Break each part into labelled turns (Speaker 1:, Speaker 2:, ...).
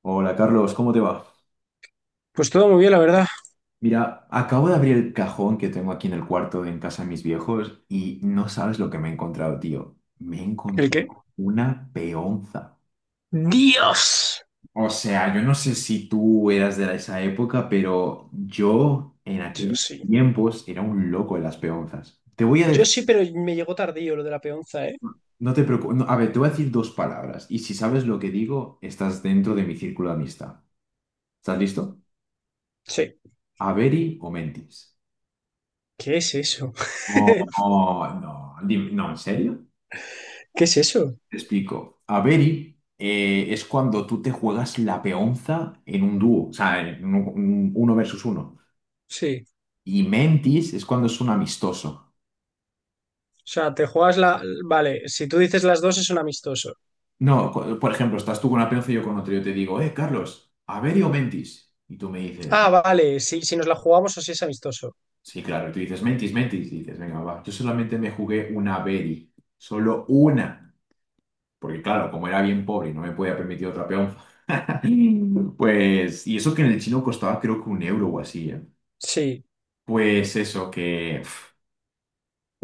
Speaker 1: Hola Carlos, ¿cómo te va?
Speaker 2: Pues todo muy bien, la verdad.
Speaker 1: Mira, acabo de abrir el cajón que tengo aquí en el cuarto de en casa de mis viejos y no sabes lo que me he encontrado, tío. Me he
Speaker 2: ¿El qué?
Speaker 1: encontrado una peonza.
Speaker 2: ¡Dios!
Speaker 1: O sea, yo no sé si tú eras de esa época, pero yo en
Speaker 2: Yo
Speaker 1: aquellos
Speaker 2: sí.
Speaker 1: tiempos era un loco de las peonzas. Te voy a
Speaker 2: Yo
Speaker 1: decir,
Speaker 2: sí, pero me llegó tardío lo de la peonza, ¿eh?
Speaker 1: no te preocupes, a ver, te voy a decir dos palabras y si sabes lo que digo, estás dentro de mi círculo de amistad. ¿Estás listo?
Speaker 2: Sí.
Speaker 1: ¿Averi o mentis?
Speaker 2: ¿Qué es eso?
Speaker 1: Oh, no, no, no, ¿en serio?
Speaker 2: ¿Qué es eso?
Speaker 1: Te explico. Averi es cuando tú te juegas la peonza en un dúo, o sea, en uno versus uno.
Speaker 2: Sí.
Speaker 1: Y mentis es cuando es un amistoso.
Speaker 2: O sea, te juegas la... Vale, si tú dices las dos es un amistoso.
Speaker 1: No, por ejemplo, estás tú con una peonza y yo con otro. Yo te digo, Carlos, ¿Averi o mentis? Y tú me dices,
Speaker 2: Ah, vale, sí, si nos la jugamos o si es amistoso.
Speaker 1: sí, claro. Y tú dices, mentis, mentis. Y dices, venga, va. Yo solamente me jugué una Averi. Solo una. Porque claro, como era bien pobre y no me podía permitir otra peonza, pues... Y eso que en el chino costaba creo que 1 euro o así, ¿eh?
Speaker 2: Sí,
Speaker 1: Pues eso, que pf,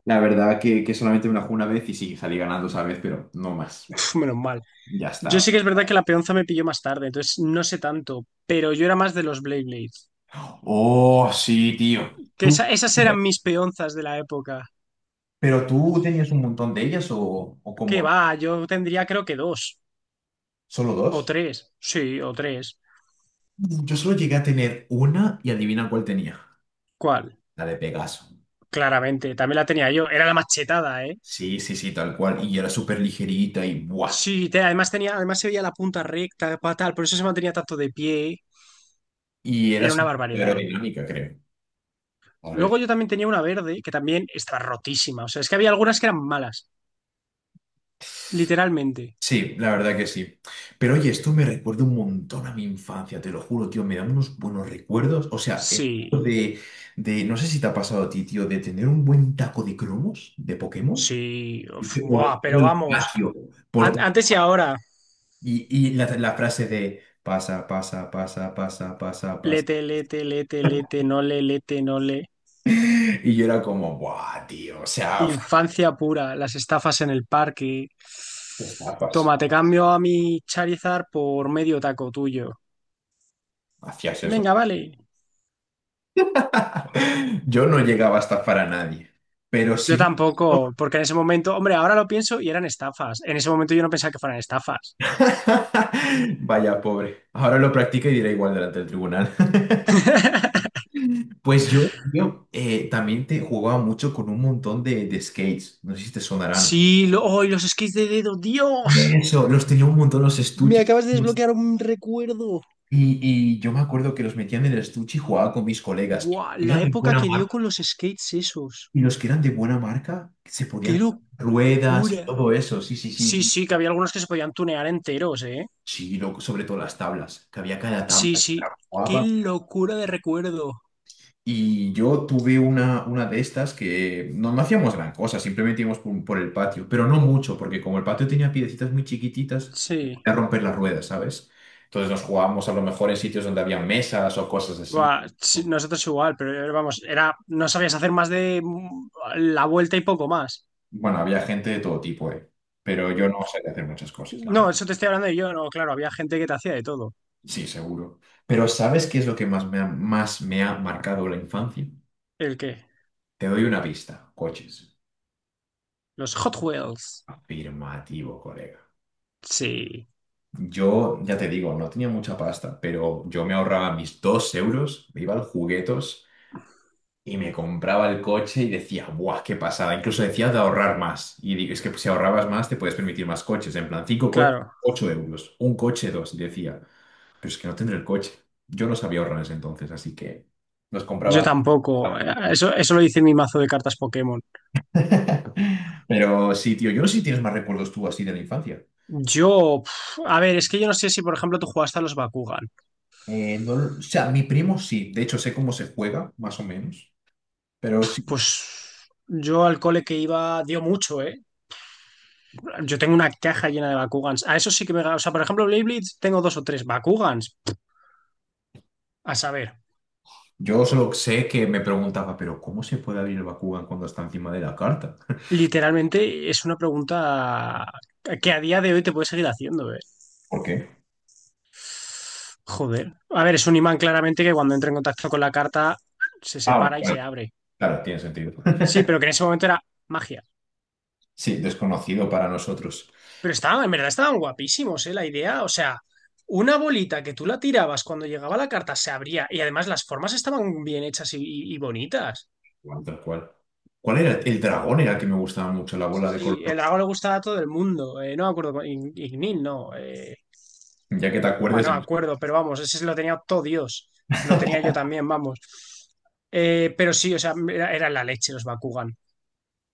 Speaker 1: la verdad que solamente me la jugué una vez y sí, salí ganando esa vez, pero no más.
Speaker 2: pf, menos mal.
Speaker 1: Ya
Speaker 2: Yo
Speaker 1: estaba.
Speaker 2: sí que es verdad que la peonza me pilló más tarde, entonces no sé tanto, pero yo era más de los Blade Blades.
Speaker 1: Oh, sí, tío.
Speaker 2: Que
Speaker 1: Tú.
Speaker 2: esas eran mis peonzas de la época.
Speaker 1: ¿Pero tú tenías un montón de ellas o
Speaker 2: ¿Qué
Speaker 1: como
Speaker 2: va, yo tendría creo que dos
Speaker 1: solo
Speaker 2: o
Speaker 1: dos?
Speaker 2: tres. Sí, o tres.
Speaker 1: Yo solo llegué a tener una y adivina cuál tenía.
Speaker 2: ¿Cuál?
Speaker 1: La de Pegaso.
Speaker 2: Claramente, también la tenía yo. Era la machetada, ¿eh?
Speaker 1: Sí, sí, sí, tal cual. Y era súper ligerita y ¡buah!
Speaker 2: Sí, además tenía, además se veía la punta recta, por eso se mantenía tanto de pie.
Speaker 1: Y era
Speaker 2: Era una
Speaker 1: súper
Speaker 2: barbaridad, ¿eh?
Speaker 1: aerodinámica, creo. A ver.
Speaker 2: Luego yo también tenía una verde que también estaba rotísima. O sea, es que había algunas que eran malas, literalmente.
Speaker 1: Sí, la verdad que sí. Pero oye, esto me recuerda un montón a mi infancia, te lo juro, tío, me da unos buenos recuerdos. O sea, el hecho
Speaker 2: Sí,
Speaker 1: de, no sé si te ha pasado a ti, tío, de tener un buen taco de cromos de Pokémon,
Speaker 2: sí, uf,
Speaker 1: ¿viste? Por
Speaker 2: buah,
Speaker 1: todo
Speaker 2: pero
Speaker 1: el
Speaker 2: vamos.
Speaker 1: patio, por to-
Speaker 2: Antes y ahora.
Speaker 1: y la frase de pasa, pasa, pasa, pasa, pasa,
Speaker 2: Lete,
Speaker 1: pasa.
Speaker 2: lete, lete, lete, no le, lete, no le.
Speaker 1: Y yo era como, buah, tío, o sea, uf,
Speaker 2: Infancia pura, las estafas en el parque.
Speaker 1: qué estafas,
Speaker 2: Toma, te cambio a mi Charizard por medio taco tuyo.
Speaker 1: hacías eso.
Speaker 2: Venga, vale.
Speaker 1: Yo no llegaba a estafar a nadie, pero
Speaker 2: Yo
Speaker 1: sí...
Speaker 2: tampoco, porque en ese momento, hombre, ahora lo pienso y eran estafas. En ese momento yo no pensaba que fueran estafas.
Speaker 1: Vaya, pobre. Ahora lo practica y dirá igual delante del tribunal. Pues yo también te jugaba mucho con un montón de skates. No sé si te sonarán.
Speaker 2: Sí, ¡ay, los skis de dedo, Dios!
Speaker 1: Eso, los tenía un montón los
Speaker 2: Me
Speaker 1: estuches.
Speaker 2: acabas de desbloquear un recuerdo.
Speaker 1: Y yo me acuerdo que los metían en el estuche y jugaba con mis colegas.
Speaker 2: Buah,
Speaker 1: Y
Speaker 2: la
Speaker 1: eran de
Speaker 2: época
Speaker 1: buena
Speaker 2: que dio
Speaker 1: marca.
Speaker 2: con los skates esos.
Speaker 1: Y los que eran de buena marca se
Speaker 2: ¡Qué
Speaker 1: podían ruedas y
Speaker 2: locura!
Speaker 1: todo eso. Sí, sí,
Speaker 2: Sí,
Speaker 1: sí.
Speaker 2: sí, que había algunos que se podían tunear enteros, ¿eh?
Speaker 1: Sí, sobre todo las tablas, que había cada
Speaker 2: Sí,
Speaker 1: tabla
Speaker 2: sí. Qué
Speaker 1: guapa.
Speaker 2: locura de recuerdo.
Speaker 1: Y yo tuve una de estas que no, no hacíamos gran cosa, simplemente íbamos por el patio, pero no mucho, porque como el patio tenía piedecitas muy chiquititas, me
Speaker 2: Sí.
Speaker 1: podía romper las ruedas, ¿sabes? Entonces nos jugábamos a lo mejor en sitios donde había mesas o cosas así.
Speaker 2: Buah, sí, nosotros igual, pero vamos, no sabías hacer más de la vuelta y poco más.
Speaker 1: Bueno, había gente de todo tipo, ¿eh? Pero yo no sabía hacer muchas cosas, la
Speaker 2: No,
Speaker 1: verdad.
Speaker 2: eso te estoy hablando de yo, no, claro, había gente que te hacía de todo.
Speaker 1: Sí, seguro. Pero ¿sabes qué es lo que más me ha marcado la infancia?
Speaker 2: ¿El qué?
Speaker 1: Te doy una pista, coches.
Speaker 2: Los Hot Wheels.
Speaker 1: Afirmativo, colega.
Speaker 2: Sí.
Speaker 1: Yo, ya te digo, no tenía mucha pasta, pero yo me ahorraba mis 2 euros, me iba al juguetos y me compraba el coche y decía, ¡buah, qué pasada! Incluso decía de ahorrar más. Y digo, es que si ahorrabas más, te puedes permitir más coches. En plan, cinco coches,
Speaker 2: Claro,
Speaker 1: 8 euros. Un coche, dos. Y decía, pero es que no tendré el coche. Yo no sabía ahorrar en ese entonces, así que los
Speaker 2: yo
Speaker 1: compraba.
Speaker 2: tampoco. Eso, eso lo dice mi mazo de cartas Pokémon.
Speaker 1: Pero sí, tío, yo no sé si tienes más recuerdos tú así de la infancia.
Speaker 2: Yo, pf, a ver, es que yo no sé si, por ejemplo, tú jugaste a los Bakugan.
Speaker 1: No lo- O sea, mi primo sí, de hecho sé cómo se juega, más o menos. Pero
Speaker 2: Pues yo al cole que iba dio mucho, ¿eh? Yo tengo una caja llena de Bakugans. A eso sí que me... O sea, por ejemplo, Blade Blitz tengo dos o tres Bakugans. A saber,
Speaker 1: yo solo sé que me preguntaba, pero ¿cómo se puede abrir el Bakugan cuando está encima de la carta?
Speaker 2: literalmente es una pregunta que a día de hoy te puedes seguir haciendo, ¿eh?
Speaker 1: ¿Por qué?
Speaker 2: Joder. A ver, es un imán claramente que cuando entra en contacto con la carta se
Speaker 1: Ah,
Speaker 2: separa y
Speaker 1: bueno,
Speaker 2: se abre.
Speaker 1: claro, tiene sentido.
Speaker 2: Sí, pero que en ese momento era magia.
Speaker 1: Sí, desconocido para nosotros.
Speaker 2: Pero estaban, en verdad estaban guapísimos, ¿eh? La idea, o sea, una bolita que tú la tirabas cuando llegaba la carta se abría y además las formas estaban bien hechas y bonitas.
Speaker 1: Igual, tal cual. ¿Cuál era? El dragón era el que me gustaba mucho, la bola de color
Speaker 2: Sí, el
Speaker 1: rojo.
Speaker 2: lago le gustaba a todo el mundo. No me acuerdo, Ignil, no.
Speaker 1: Ya que te acuerdes,
Speaker 2: Bueno, no me acuerdo, pero vamos, ese lo tenía todo Dios. Lo tenía yo también, vamos. Pero sí, o sea, era la leche los Bakugan.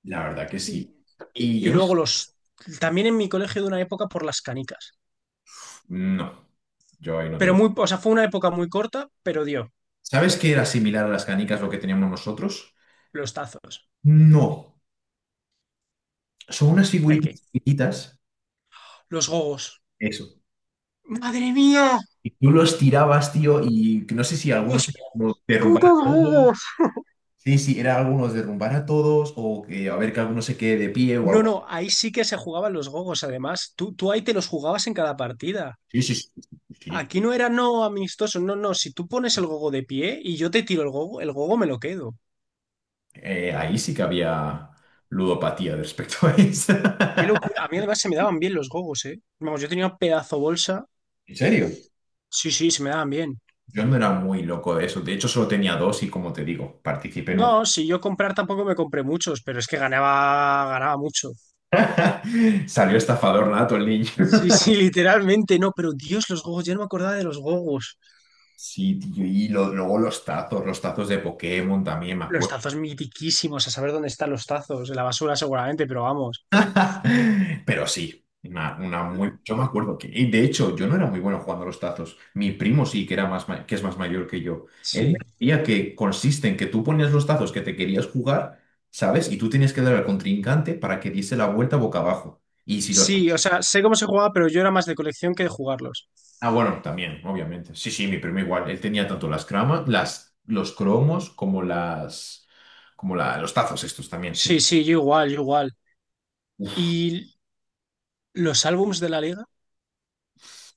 Speaker 1: la verdad que
Speaker 2: Y,
Speaker 1: sí. Y
Speaker 2: y
Speaker 1: yo,
Speaker 2: luego los... También en mi colegio de una época por las canicas.
Speaker 1: no, yo ahí no te
Speaker 2: Pero
Speaker 1: lo...
Speaker 2: muy... O sea, fue una época muy corta, pero dio
Speaker 1: ¿Sabes qué era similar a las canicas lo que teníamos nosotros?
Speaker 2: los tazos.
Speaker 1: No, son unas
Speaker 2: El
Speaker 1: figuritas
Speaker 2: que...
Speaker 1: chiquititas.
Speaker 2: Los gogos.
Speaker 1: Eso.
Speaker 2: ¡Madre mía!
Speaker 1: Y tú los tirabas, tío, y que no sé si
Speaker 2: ¡Los
Speaker 1: algunos eran como derrumbar a todos.
Speaker 2: gogos!
Speaker 1: Sí, sí, era algunos derrumbar a todos o que a ver que alguno se quede de pie o
Speaker 2: No,
Speaker 1: algo.
Speaker 2: no, ahí sí que se jugaban los gogos, además. Tú ahí te los jugabas en cada partida.
Speaker 1: Sí, sí, sí, sí. Sí. Sí.
Speaker 2: Aquí no era no amistoso, no, no. Si tú pones el gogo de pie y yo te tiro el gogo me lo quedo.
Speaker 1: Ahí sí que había ludopatía de respecto a eso.
Speaker 2: Qué locura. A mí además se me daban bien los gogos, ¿eh? Vamos, yo tenía un pedazo bolsa.
Speaker 1: ¿En serio?
Speaker 2: Sí, sí, se me daban bien.
Speaker 1: Yo no era muy loco de eso. De hecho, solo tenía dos y como te digo, participé en
Speaker 2: No,
Speaker 1: un...
Speaker 2: si yo comprar tampoco me compré muchos, pero es que ganaba, ganaba mucho.
Speaker 1: Salió estafador nato el niño.
Speaker 2: Sí, sí, literalmente, no, pero Dios, los gogos, yo no me acordaba de los gogos.
Speaker 1: Sí, tío, luego los tazos, de Pokémon también, me
Speaker 2: Los
Speaker 1: acuerdo.
Speaker 2: tazos mitiquísimos, a saber dónde están los tazos, en la basura seguramente, pero vamos.
Speaker 1: Pero sí, yo me acuerdo que, y de hecho, yo no era muy bueno jugando a los tazos. Mi primo sí, que es más mayor que yo. Él me
Speaker 2: Sí.
Speaker 1: decía que consiste en que tú ponías los tazos que te querías jugar, ¿sabes? Y tú tenías que dar al contrincante para que diese la vuelta boca abajo. Y si los...
Speaker 2: Sí, o sea, sé cómo se jugaba, pero yo era más de colección que de jugarlos.
Speaker 1: Ah, bueno, también, obviamente. Sí, sí, mi primo igual. Él tenía tanto las cramas, las, los cromos como las, como la, los tazos estos también, sí.
Speaker 2: Sí, sí, yo igual, yo igual. Y los álbums de la liga,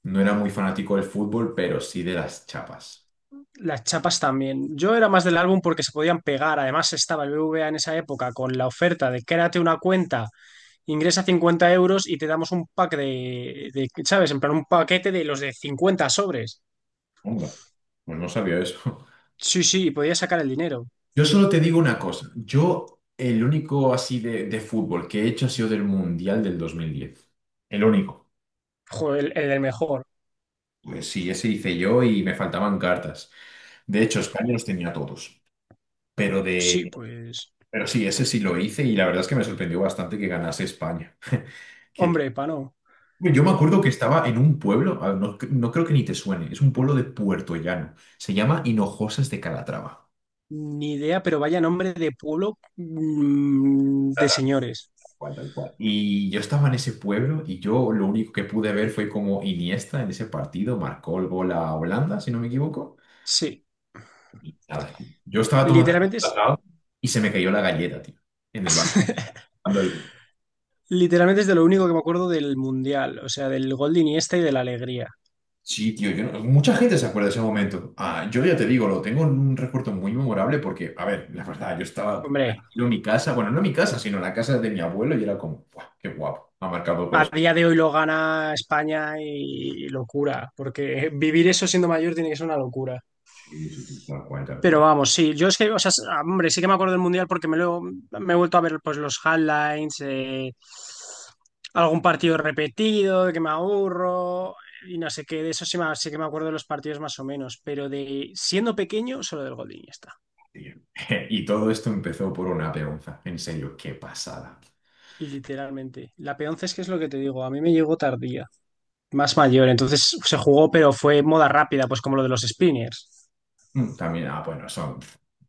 Speaker 1: No era muy fanático del fútbol, pero sí de las chapas.
Speaker 2: las chapas también. Yo era más del álbum porque se podían pegar. Además, estaba el BBVA en esa época con la oferta de créate una cuenta, ingresa 50 euros y te damos un pack de, ¿sabes? En plan, un paquete de los de 50 sobres.
Speaker 1: Onda. Pues no sabía eso.
Speaker 2: Sí, sí, y podías sacar el dinero.
Speaker 1: Yo solo te digo una cosa. Yo, el único así de fútbol que he hecho ha sido del Mundial del 2010. El único.
Speaker 2: Joder, el del mejor.
Speaker 1: Pues sí, ese hice yo y me faltaban cartas. De hecho, España los tenía todos. Pero
Speaker 2: Sí,
Speaker 1: de,
Speaker 2: pues.
Speaker 1: pero sí, ese sí lo hice y la verdad es que me sorprendió bastante que ganase España. Que-
Speaker 2: Hombre, pa' no.
Speaker 1: yo me acuerdo que estaba en un pueblo, a ver, no, no creo que ni te suene, es un pueblo de Puerto Llano. Se llama Hinojosas de Calatrava.
Speaker 2: Ni idea, pero vaya nombre de pueblo de señores.
Speaker 1: Tal cual. Y yo estaba en ese pueblo y yo lo único que pude ver fue como Iniesta en ese partido marcó el gol a Holanda, si no me equivoco.
Speaker 2: Sí.
Speaker 1: Y nada, yo estaba tomando el
Speaker 2: Literalmente es
Speaker 1: cacao y se me cayó la galleta, tío, en el balcón. cuando el-
Speaker 2: Literalmente es de lo único que me acuerdo del Mundial, o sea, del gol de Iniesta y de la alegría.
Speaker 1: Sí, tío, yo no- mucha gente se acuerda de ese momento. Ah, yo ya te digo, lo tengo en un recuerdo muy memorable porque, a ver, la verdad, yo estaba
Speaker 2: Hombre,
Speaker 1: tranquilo en mi casa, bueno, no en mi casa, sino en la casa de mi abuelo y era como, "¡Buah, qué guapo! Ha marcado goles".
Speaker 2: a día de hoy lo gana España y locura, porque vivir eso siendo mayor tiene que ser una locura.
Speaker 1: Sí, sí, sí, tal cual, tal
Speaker 2: Pero
Speaker 1: cual.
Speaker 2: vamos, sí, yo es que, o sea, hombre, sí que me acuerdo del Mundial porque me he vuelto a ver pues los highlights, algún partido repetido, de que me aburro y no sé qué, de eso sí, sí que me acuerdo de los partidos más o menos, pero de siendo pequeño, solo del gol de Iniesta.
Speaker 1: Tío. Y todo esto empezó por una peonza. En serio, qué pasada.
Speaker 2: Literalmente. La P11 es que es lo que te digo, a mí me llegó tardía, más mayor, entonces se jugó, pero fue moda rápida, pues como lo de los spinners.
Speaker 1: Mm, también, ah, bueno, son.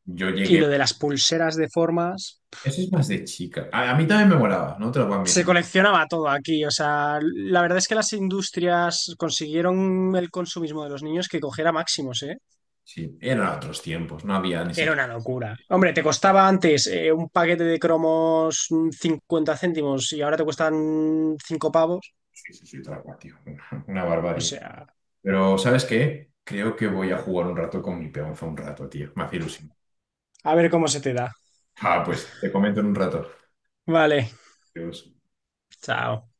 Speaker 1: Yo
Speaker 2: Y
Speaker 1: llegué.
Speaker 2: lo de las pulseras de formas,
Speaker 1: Eso es más de chica. A mí también me molaba, no te lo voy a
Speaker 2: se
Speaker 1: admitir.
Speaker 2: coleccionaba todo aquí, o sea, la verdad es que las industrias consiguieron el consumismo de los niños que cogiera máximos, ¿eh?
Speaker 1: Sí, eran otros tiempos, no había ni
Speaker 2: Era
Speaker 1: siquiera.
Speaker 2: una locura. Hombre, te costaba antes un paquete de cromos 50 céntimos y ahora te cuestan 5 pavos,
Speaker 1: Sí, sí, sí, tal cual, tío. Una
Speaker 2: o
Speaker 1: barbarie.
Speaker 2: sea,
Speaker 1: Pero, ¿sabes qué? Creo que voy a jugar un rato con mi peonza un rato, tío. Me hace ilusión.
Speaker 2: a ver cómo se te da.
Speaker 1: Ah, pues te comento en un rato.
Speaker 2: Vale,
Speaker 1: Adiós.
Speaker 2: chao.